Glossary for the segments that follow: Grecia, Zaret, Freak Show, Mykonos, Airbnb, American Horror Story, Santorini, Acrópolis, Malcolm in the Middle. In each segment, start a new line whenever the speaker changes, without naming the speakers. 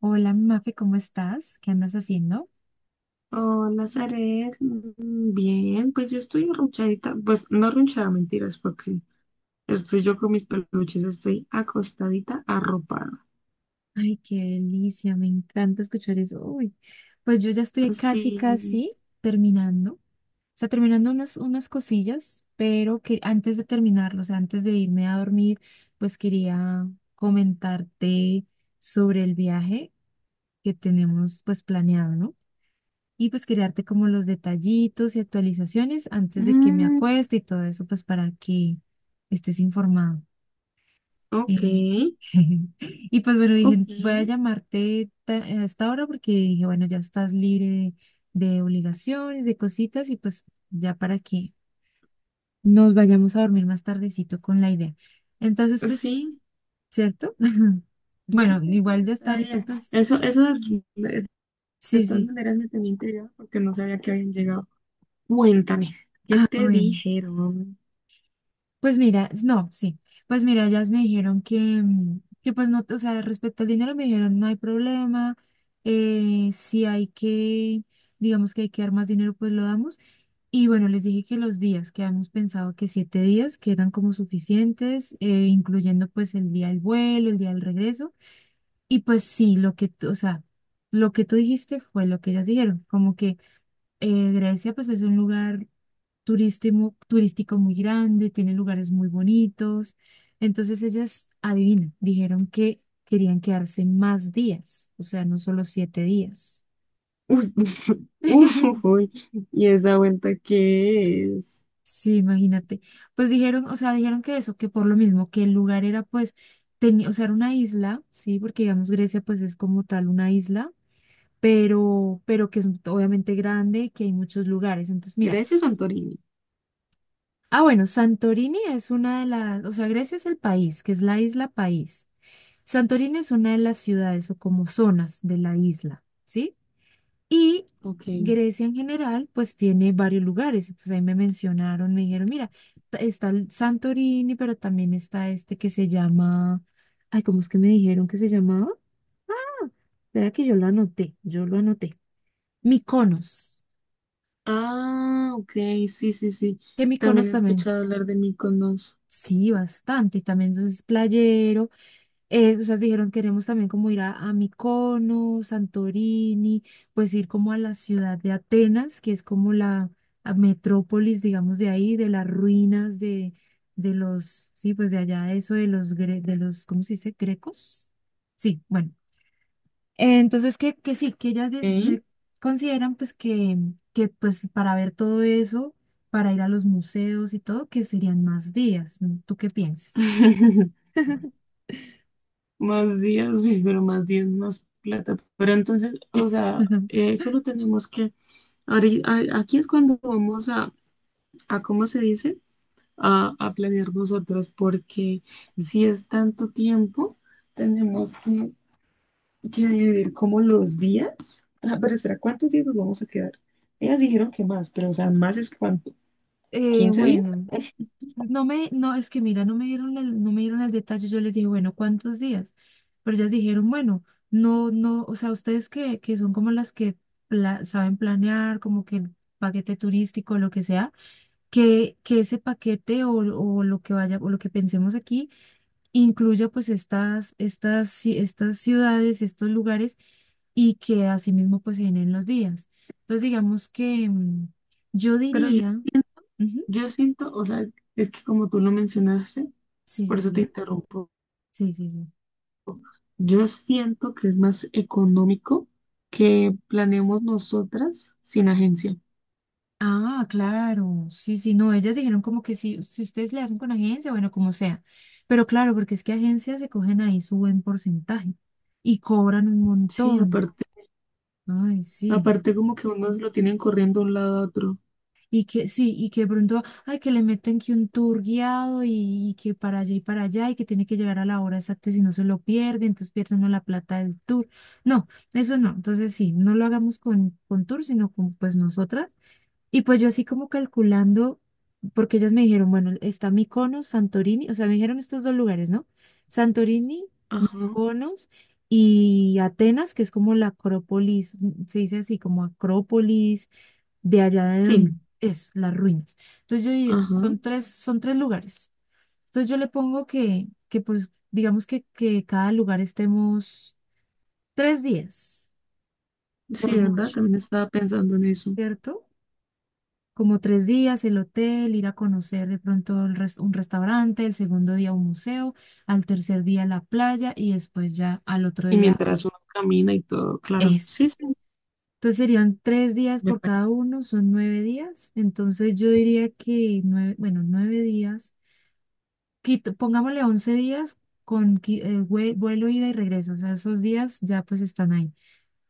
Hola, mi Mafe, ¿cómo estás? ¿Qué andas haciendo?
Hola, Zaret. Bien, pues yo estoy arrunchadita. Pues no arrunchada, mentiras, porque estoy yo con mis peluches, estoy acostadita, arropada.
Ay, qué delicia, me encanta escuchar eso. Uy, pues yo ya estoy casi,
Sí.
casi terminando. O sea, terminando unas cosillas, pero que antes de terminarlo, o sea, antes de irme a dormir, pues quería comentarte sobre el viaje que tenemos pues planeado, ¿no? Y pues quería darte como los detallitos y actualizaciones antes de que me
Mm,
acueste y todo eso, pues para que estés informado.
ok,
Eh, Y pues bueno,
ok.
dije, voy a
Sí,
llamarte a esta hora porque dije, bueno, ya estás libre de obligaciones, de cositas y pues ya para que nos vayamos a dormir más tardecito con la idea. Entonces, pues,
sí,
¿cierto?
sí,
Bueno,
sí,
igual ya está
está
ahorita,
bien.
pues,
Eso
sí,
de todas
sí.
maneras me tenía intrigada porque no sabía que habían llegado. Cuéntame, ¿qué
Ah,
te
bueno.
dijeron?
Pues mira, no, sí. Pues mira, ellas me dijeron que, que pues no, o sea, respecto al dinero me dijeron no hay problema, si hay que, digamos que hay que dar más dinero, pues lo damos. Y bueno, les dije que los días, que habíamos pensado que 7 días, que eran como suficientes, incluyendo pues el día del vuelo, el día del regreso. Y pues sí, lo que tú, o sea, lo que tú dijiste fue lo que ellas dijeron, como que Grecia pues es un lugar turístico, turístico muy grande, tiene lugares muy bonitos. Entonces ellas, adivina, dijeron que querían quedarse más días, o sea, no solo 7 días.
Uy, uy, uy. Uy. ¿Y esa vuelta qué es?
Sí, imagínate. Pues dijeron, o sea, dijeron que eso, que por lo mismo, que el lugar era pues, tenía, o sea, era una isla, sí, porque digamos Grecia pues es como tal una isla, pero que es obviamente grande, y que hay muchos lugares. Entonces, mira,
Grecia o Santorini.
ah, bueno, Santorini es una de las, o sea, Grecia es el país, que es la isla país. Santorini es una de las ciudades o como zonas de la isla, ¿sí? Y
Ok.
Grecia en general, pues tiene varios lugares. Pues ahí me mencionaron, me dijeron, mira, está el Santorini, pero también está este que se llama, ay, ¿cómo es que me dijeron que se llamaba? Era que yo lo anoté, yo lo anoté. Mykonos,
Ah, ok, sí, sí, sí.
que
También
Mykonos
he
también,
escuchado hablar de Mykonos.
sí, bastante, y también entonces es playero. O sea, dijeron, queremos también como ir a, Mykonos, Santorini, pues ir como a la ciudad de Atenas, que es como la a metrópolis, digamos, de ahí, de las ruinas de los, sí, pues de allá, eso de los, ¿cómo se dice? ¿Grecos? Sí, bueno. Entonces, que sí, que ellas
Ok.
consideran pues que pues para ver todo eso, para ir a los museos y todo, que serían más días, ¿no? ¿Tú qué piensas?
Más días, uy, pero más días, más plata. Pero entonces, o sea, solo tenemos que... Aquí es cuando vamos a ¿cómo se dice? A planear nosotros, porque
Sí.
si es tanto tiempo, tenemos que dividir como los días. Ah, pero espera, ¿cuántos días nos vamos a quedar? Ellas dijeron que más, pero o sea, más es cuánto, ¿quince días?
Bueno. No me, no, es que mira, no me dieron el, no me dieron el detalle. Yo les dije, bueno, ¿cuántos días? Pero ellas dijeron, bueno, no, no, o sea, ustedes que son como las que saben planear, como que el paquete turístico, lo que sea, que ese paquete o lo que vaya, o lo que pensemos aquí, incluya pues estas ciudades, estos lugares, y que asimismo pues se den los días. Entonces, digamos que yo
Pero yo,
diría, ujú,
yo siento, o sea, es que como tú lo mencionaste,
sí,
por
sí,
eso te
sí,
interrumpo,
sí, sí, sí.
yo siento que es más económico que planeemos nosotras sin agencia.
Ah, claro, sí, sí, no, ellas dijeron como que si ustedes le hacen con agencia, bueno, como sea, pero claro, porque es que agencias se cogen ahí su buen porcentaje y cobran un
Sí,
montón,
aparte,
ay,
aparte como que unos lo tienen corriendo de un lado a otro.
sí, y que de pronto, ay, que le meten que un tour guiado y que para allá y que tiene que llegar a la hora exacta y si no se lo pierde, entonces pierde uno la plata del tour, no, eso no, entonces sí, no lo hagamos con, tour, sino con pues nosotras. Y pues yo así como calculando, porque ellas me dijeron, bueno, está Mykonos, Santorini, o sea, me dijeron estos dos lugares, ¿no? Santorini,
Ajá,
Mykonos y Atenas, que es como la Acrópolis, se dice así como Acrópolis, de allá de donde
sí,
es, las ruinas. Entonces yo digo,
ajá,
son tres lugares. Entonces yo le pongo que pues digamos que cada lugar estemos 3 días, por
sí, ¿verdad?
mucho,
También estaba pensando en eso.
¿cierto? Como 3 días, el hotel, ir a conocer de pronto el un restaurante, el segundo día un museo, al tercer día la playa y después ya al otro
Y
día
mientras uno camina y todo, claro, sí,
es.
sí,
Entonces serían 3 días
me
por
parece.
cada uno, son 9 días. Entonces yo diría que nueve, bueno, 9 días, pongámosle 11 días con vuelo, ida y regreso. O sea, esos días ya pues están ahí.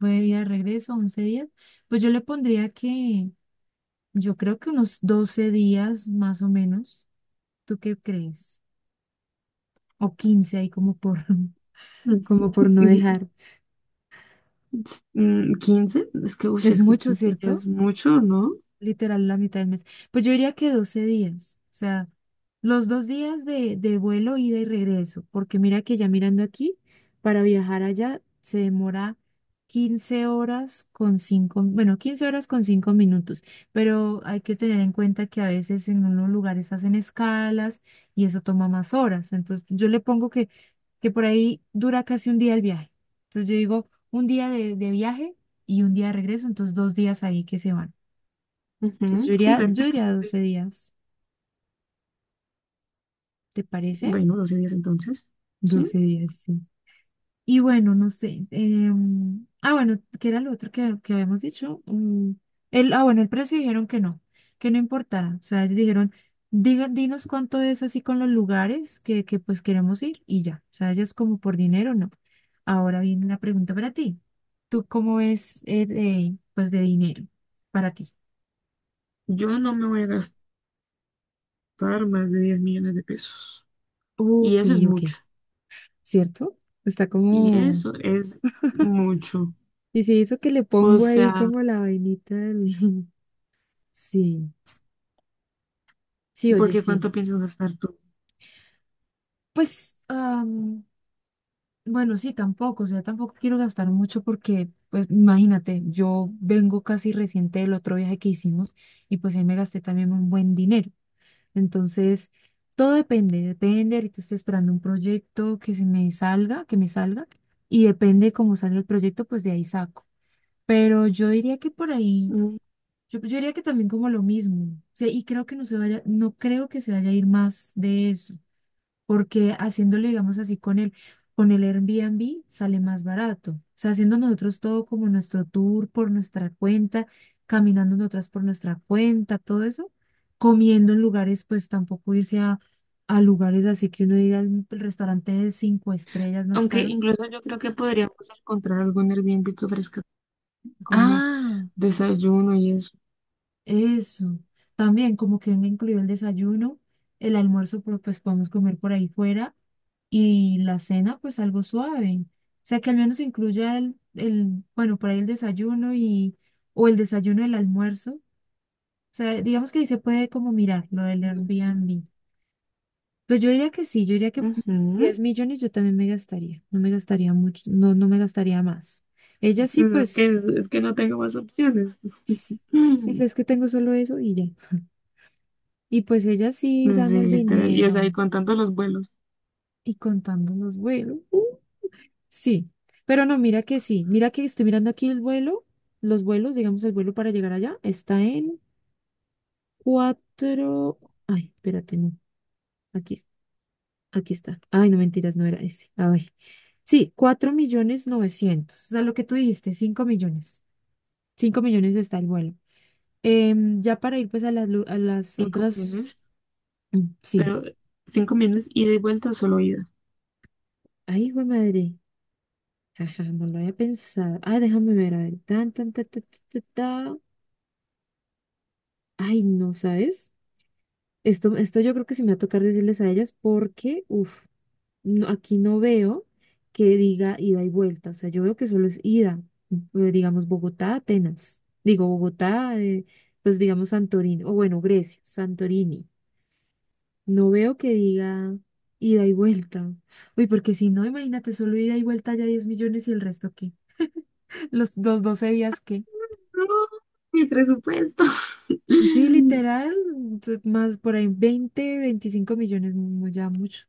Vuelo, ida y regreso, 11 días. Pues yo le pondría que yo creo que unos 12 días más o menos. ¿Tú qué crees? O 15 ahí como por, como por no
Mm,
dejar.
15, es que, uy,
Es
es que
mucho,
15 ya
¿cierto?
es mucho, ¿no?
Literal, la mitad del mes. Pues yo diría que 12 días, o sea, los dos días de, vuelo, ida y regreso, porque mira que ya mirando aquí, para viajar allá se demora 15 horas con 5, bueno, 15 horas con 5 minutos, pero hay que tener en cuenta que a veces en unos lugares hacen escalas y eso toma más horas. Entonces yo le pongo que, por ahí dura casi un día el viaje. Entonces yo digo, un día de viaje y un día de regreso, entonces 2 días ahí que se van. Entonces yo
Ujú, sí,
iría, yo iría
prácticamente.
12 días, ¿te parece?
Bueno, 12 días entonces, ¿sí?
12 días, sí. Y bueno, no sé. Ah, bueno, ¿qué era lo otro que, habíamos dicho? El, ah, bueno, el precio dijeron que no importara. O sea, ellos dijeron, diga, dinos cuánto es así con los lugares que pues queremos ir y ya. O sea, ya es como por dinero, no. Ahora viene la pregunta para ti. ¿Tú cómo es de, pues de dinero para ti?
Yo no me voy a gastar más de 10 millones de pesos. Y
Ok,
eso es
ok,
mucho.
¿cierto? Está
Y
como...
eso es mucho.
Y si eso que le
O
pongo ahí
sea,
como la vainita del... Sí, sí, oye,
porque
sí.
¿cuánto piensas gastar tú?
Pues, bueno, sí, tampoco, o sea, tampoco quiero gastar mucho porque, pues, imagínate, yo vengo casi reciente del otro viaje que hicimos y pues ahí me gasté también un buen dinero. Entonces, todo depende, depende, ahorita estoy esperando un proyecto que se me salga, que me salga, y depende cómo salga el proyecto, pues de ahí saco. Pero yo diría que por ahí.
Mm.
Yo diría que también como lo mismo, o sea, y creo que no se vaya, no creo que se vaya a ir más de eso, porque haciéndolo, digamos así, con el, Airbnb sale más barato, o sea, haciendo nosotros todo como nuestro tour por nuestra cuenta, caminando nosotras por nuestra cuenta, todo eso, comiendo en lugares, pues tampoco irse a lugares así que uno diga "Mm, el restaurante de cinco estrellas más
Aunque
caro".
incluso yo creo que podríamos encontrar algún Airbnb que ofrezca como
Ah,
desayuno y eso.
eso. También como que venga incluido el desayuno, el almuerzo, pues podemos comer por ahí fuera y la cena, pues algo suave. O sea, que al menos incluya el, bueno, por ahí el desayuno y, o el desayuno, el almuerzo. O sea, digamos que ahí se puede como mirar lo del
Mm,
Airbnb. Pues yo diría que sí, yo diría que 10
ujú.
millones yo también me gastaría, no me gastaría mucho, no, no me gastaría más. Ella sí,
Pues Es que,
pues,
es que no tengo más opciones.
dice, es que tengo solo eso y ya. Y pues ellas sí dan
Sí,
el
literal. Y es
dinero
ahí contando los vuelos,
y contando los vuelos. Sí, pero no, mira que sí. Mira que estoy mirando aquí el vuelo, los vuelos, digamos el vuelo para llegar allá, está en cuatro. Ay, espérate, no. Aquí, aquí está. Ay, no mentiras, no era ese. Ay. Sí, cuatro millones novecientos. O sea, lo que tú dijiste, 5 millones. 5 millones está el vuelo. Ya para ir pues a las, a las
5
otras.
millones.
Mm, sí.
Pero cinco millones ida y vuelta o solo ida.
Ay, hijo de madre. Jaja, no lo había pensado. Ah, déjame ver, a ver. Tan, tan, ta, ta, ta, ta, ta. Ay, no, ¿sabes? Esto yo creo que sí me va a tocar decirles a ellas porque, uff, no, aquí no veo que diga ida y vuelta. O sea, yo veo que solo es ida. eh, Digamos, Bogotá, Atenas. Digo, Bogotá, pues digamos Santorini. O bueno, Grecia, Santorini. No veo que diga ida y vuelta. Uy, porque si no, imagínate, solo ida y vuelta ya 10 millones y el resto, ¿qué? Los dos 12 días, ¿qué?
No, mi presupuesto.
Sí, literal, más por ahí 20, 25 millones, ya mucho.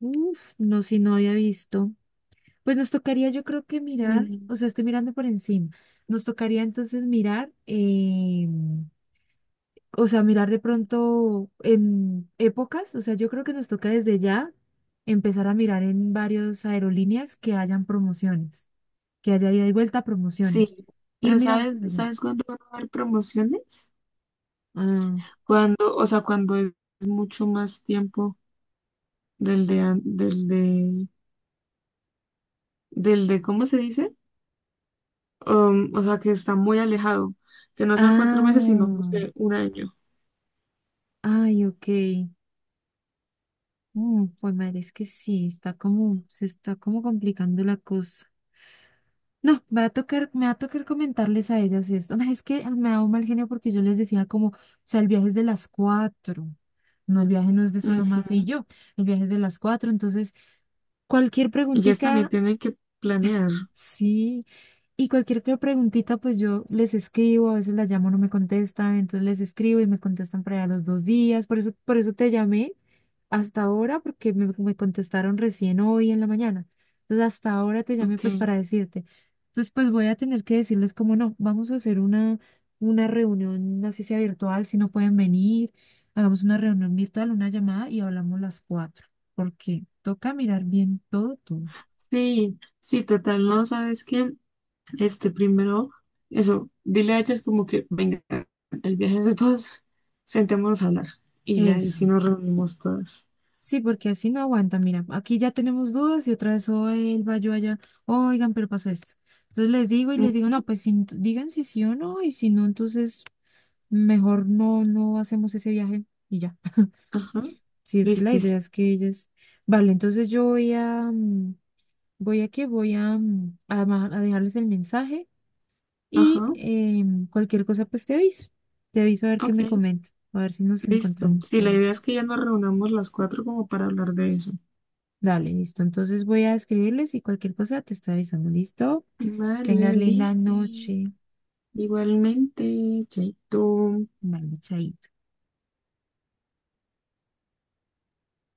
Uf, no, si no había visto. Pues nos tocaría, yo creo que mirar, o
Mm,
sea, estoy mirando por encima. Nos tocaría entonces mirar, o sea, mirar de pronto en épocas, o sea, yo creo que nos toca desde ya empezar a mirar en varias aerolíneas que hayan promociones, que haya ida y vuelta promociones.
sí,
Ir
pero
mirando
¿sabes,
desde ya.
sabes cuándo van a haber promociones?
Ah,
Cuando, o sea, cuando es mucho más tiempo del de, an- del de, ¿cómo se dice? O sea, que está muy alejado, que no sean cuatro meses, sino, no
ah,
sé, un año.
ay, ok. Pues madre, es que sí, está como, se está como complicando la cosa. No, me va a tocar, me va a tocar comentarles a ellas esto. No, es que me da un mal genio porque yo les decía como, o sea, el viaje es de las cuatro. No, el viaje no es de solo
Ujú.
Mafe y yo, el viaje es de las cuatro. Entonces, cualquier
Y ellas también
preguntita,
tienen que planear.
sí. Y cualquier que preguntita, pues yo les escribo, a veces las llamo, no me contestan, entonces les escribo y me contestan para allá los 2 días. Por eso te llamé hasta ahora, porque me contestaron recién hoy en la mañana. Entonces, hasta ahora te llamé
Ok.
pues para decirte. Entonces, pues voy a tener que decirles como no, vamos a hacer una reunión, así sea virtual, si no pueden venir, hagamos una reunión virtual, una llamada y hablamos las cuatro, porque toca mirar bien todo tú.
Sí, sí, total, no, ¿sabes qué? Este primero, eso, dile a ellas como que, venga, el viaje es de todas, sentémonos a hablar. Y ya, y
Eso.
si nos reunimos todas.
Sí, porque así no aguanta. Mira, aquí ya tenemos dudas y otra vez, o él va yo allá, oigan, pero pasó esto. Entonces les digo y les digo,
Mm,
no, pues digan si sí o no, y si no, entonces mejor no, no hacemos ese viaje y ya.
ajá,
Sí, es que la idea
listis.
es que ellas. Vale, entonces yo voy a, voy a qué voy a, a, a dejarles el mensaje
Ajá,
y cualquier cosa, pues te aviso. Te aviso a ver qué
ok,
me comenta, a ver si nos
listo.
encontramos
Sí, la idea es
todas.
que ya nos reunamos las cuatro como para hablar de eso.
Dale, listo. Entonces voy a escribirles y cualquier cosa te estoy avisando. ¿Listo?
Vale,
Tengas linda
listis.
noche.
Igualmente, chaito.
Bye, chaito.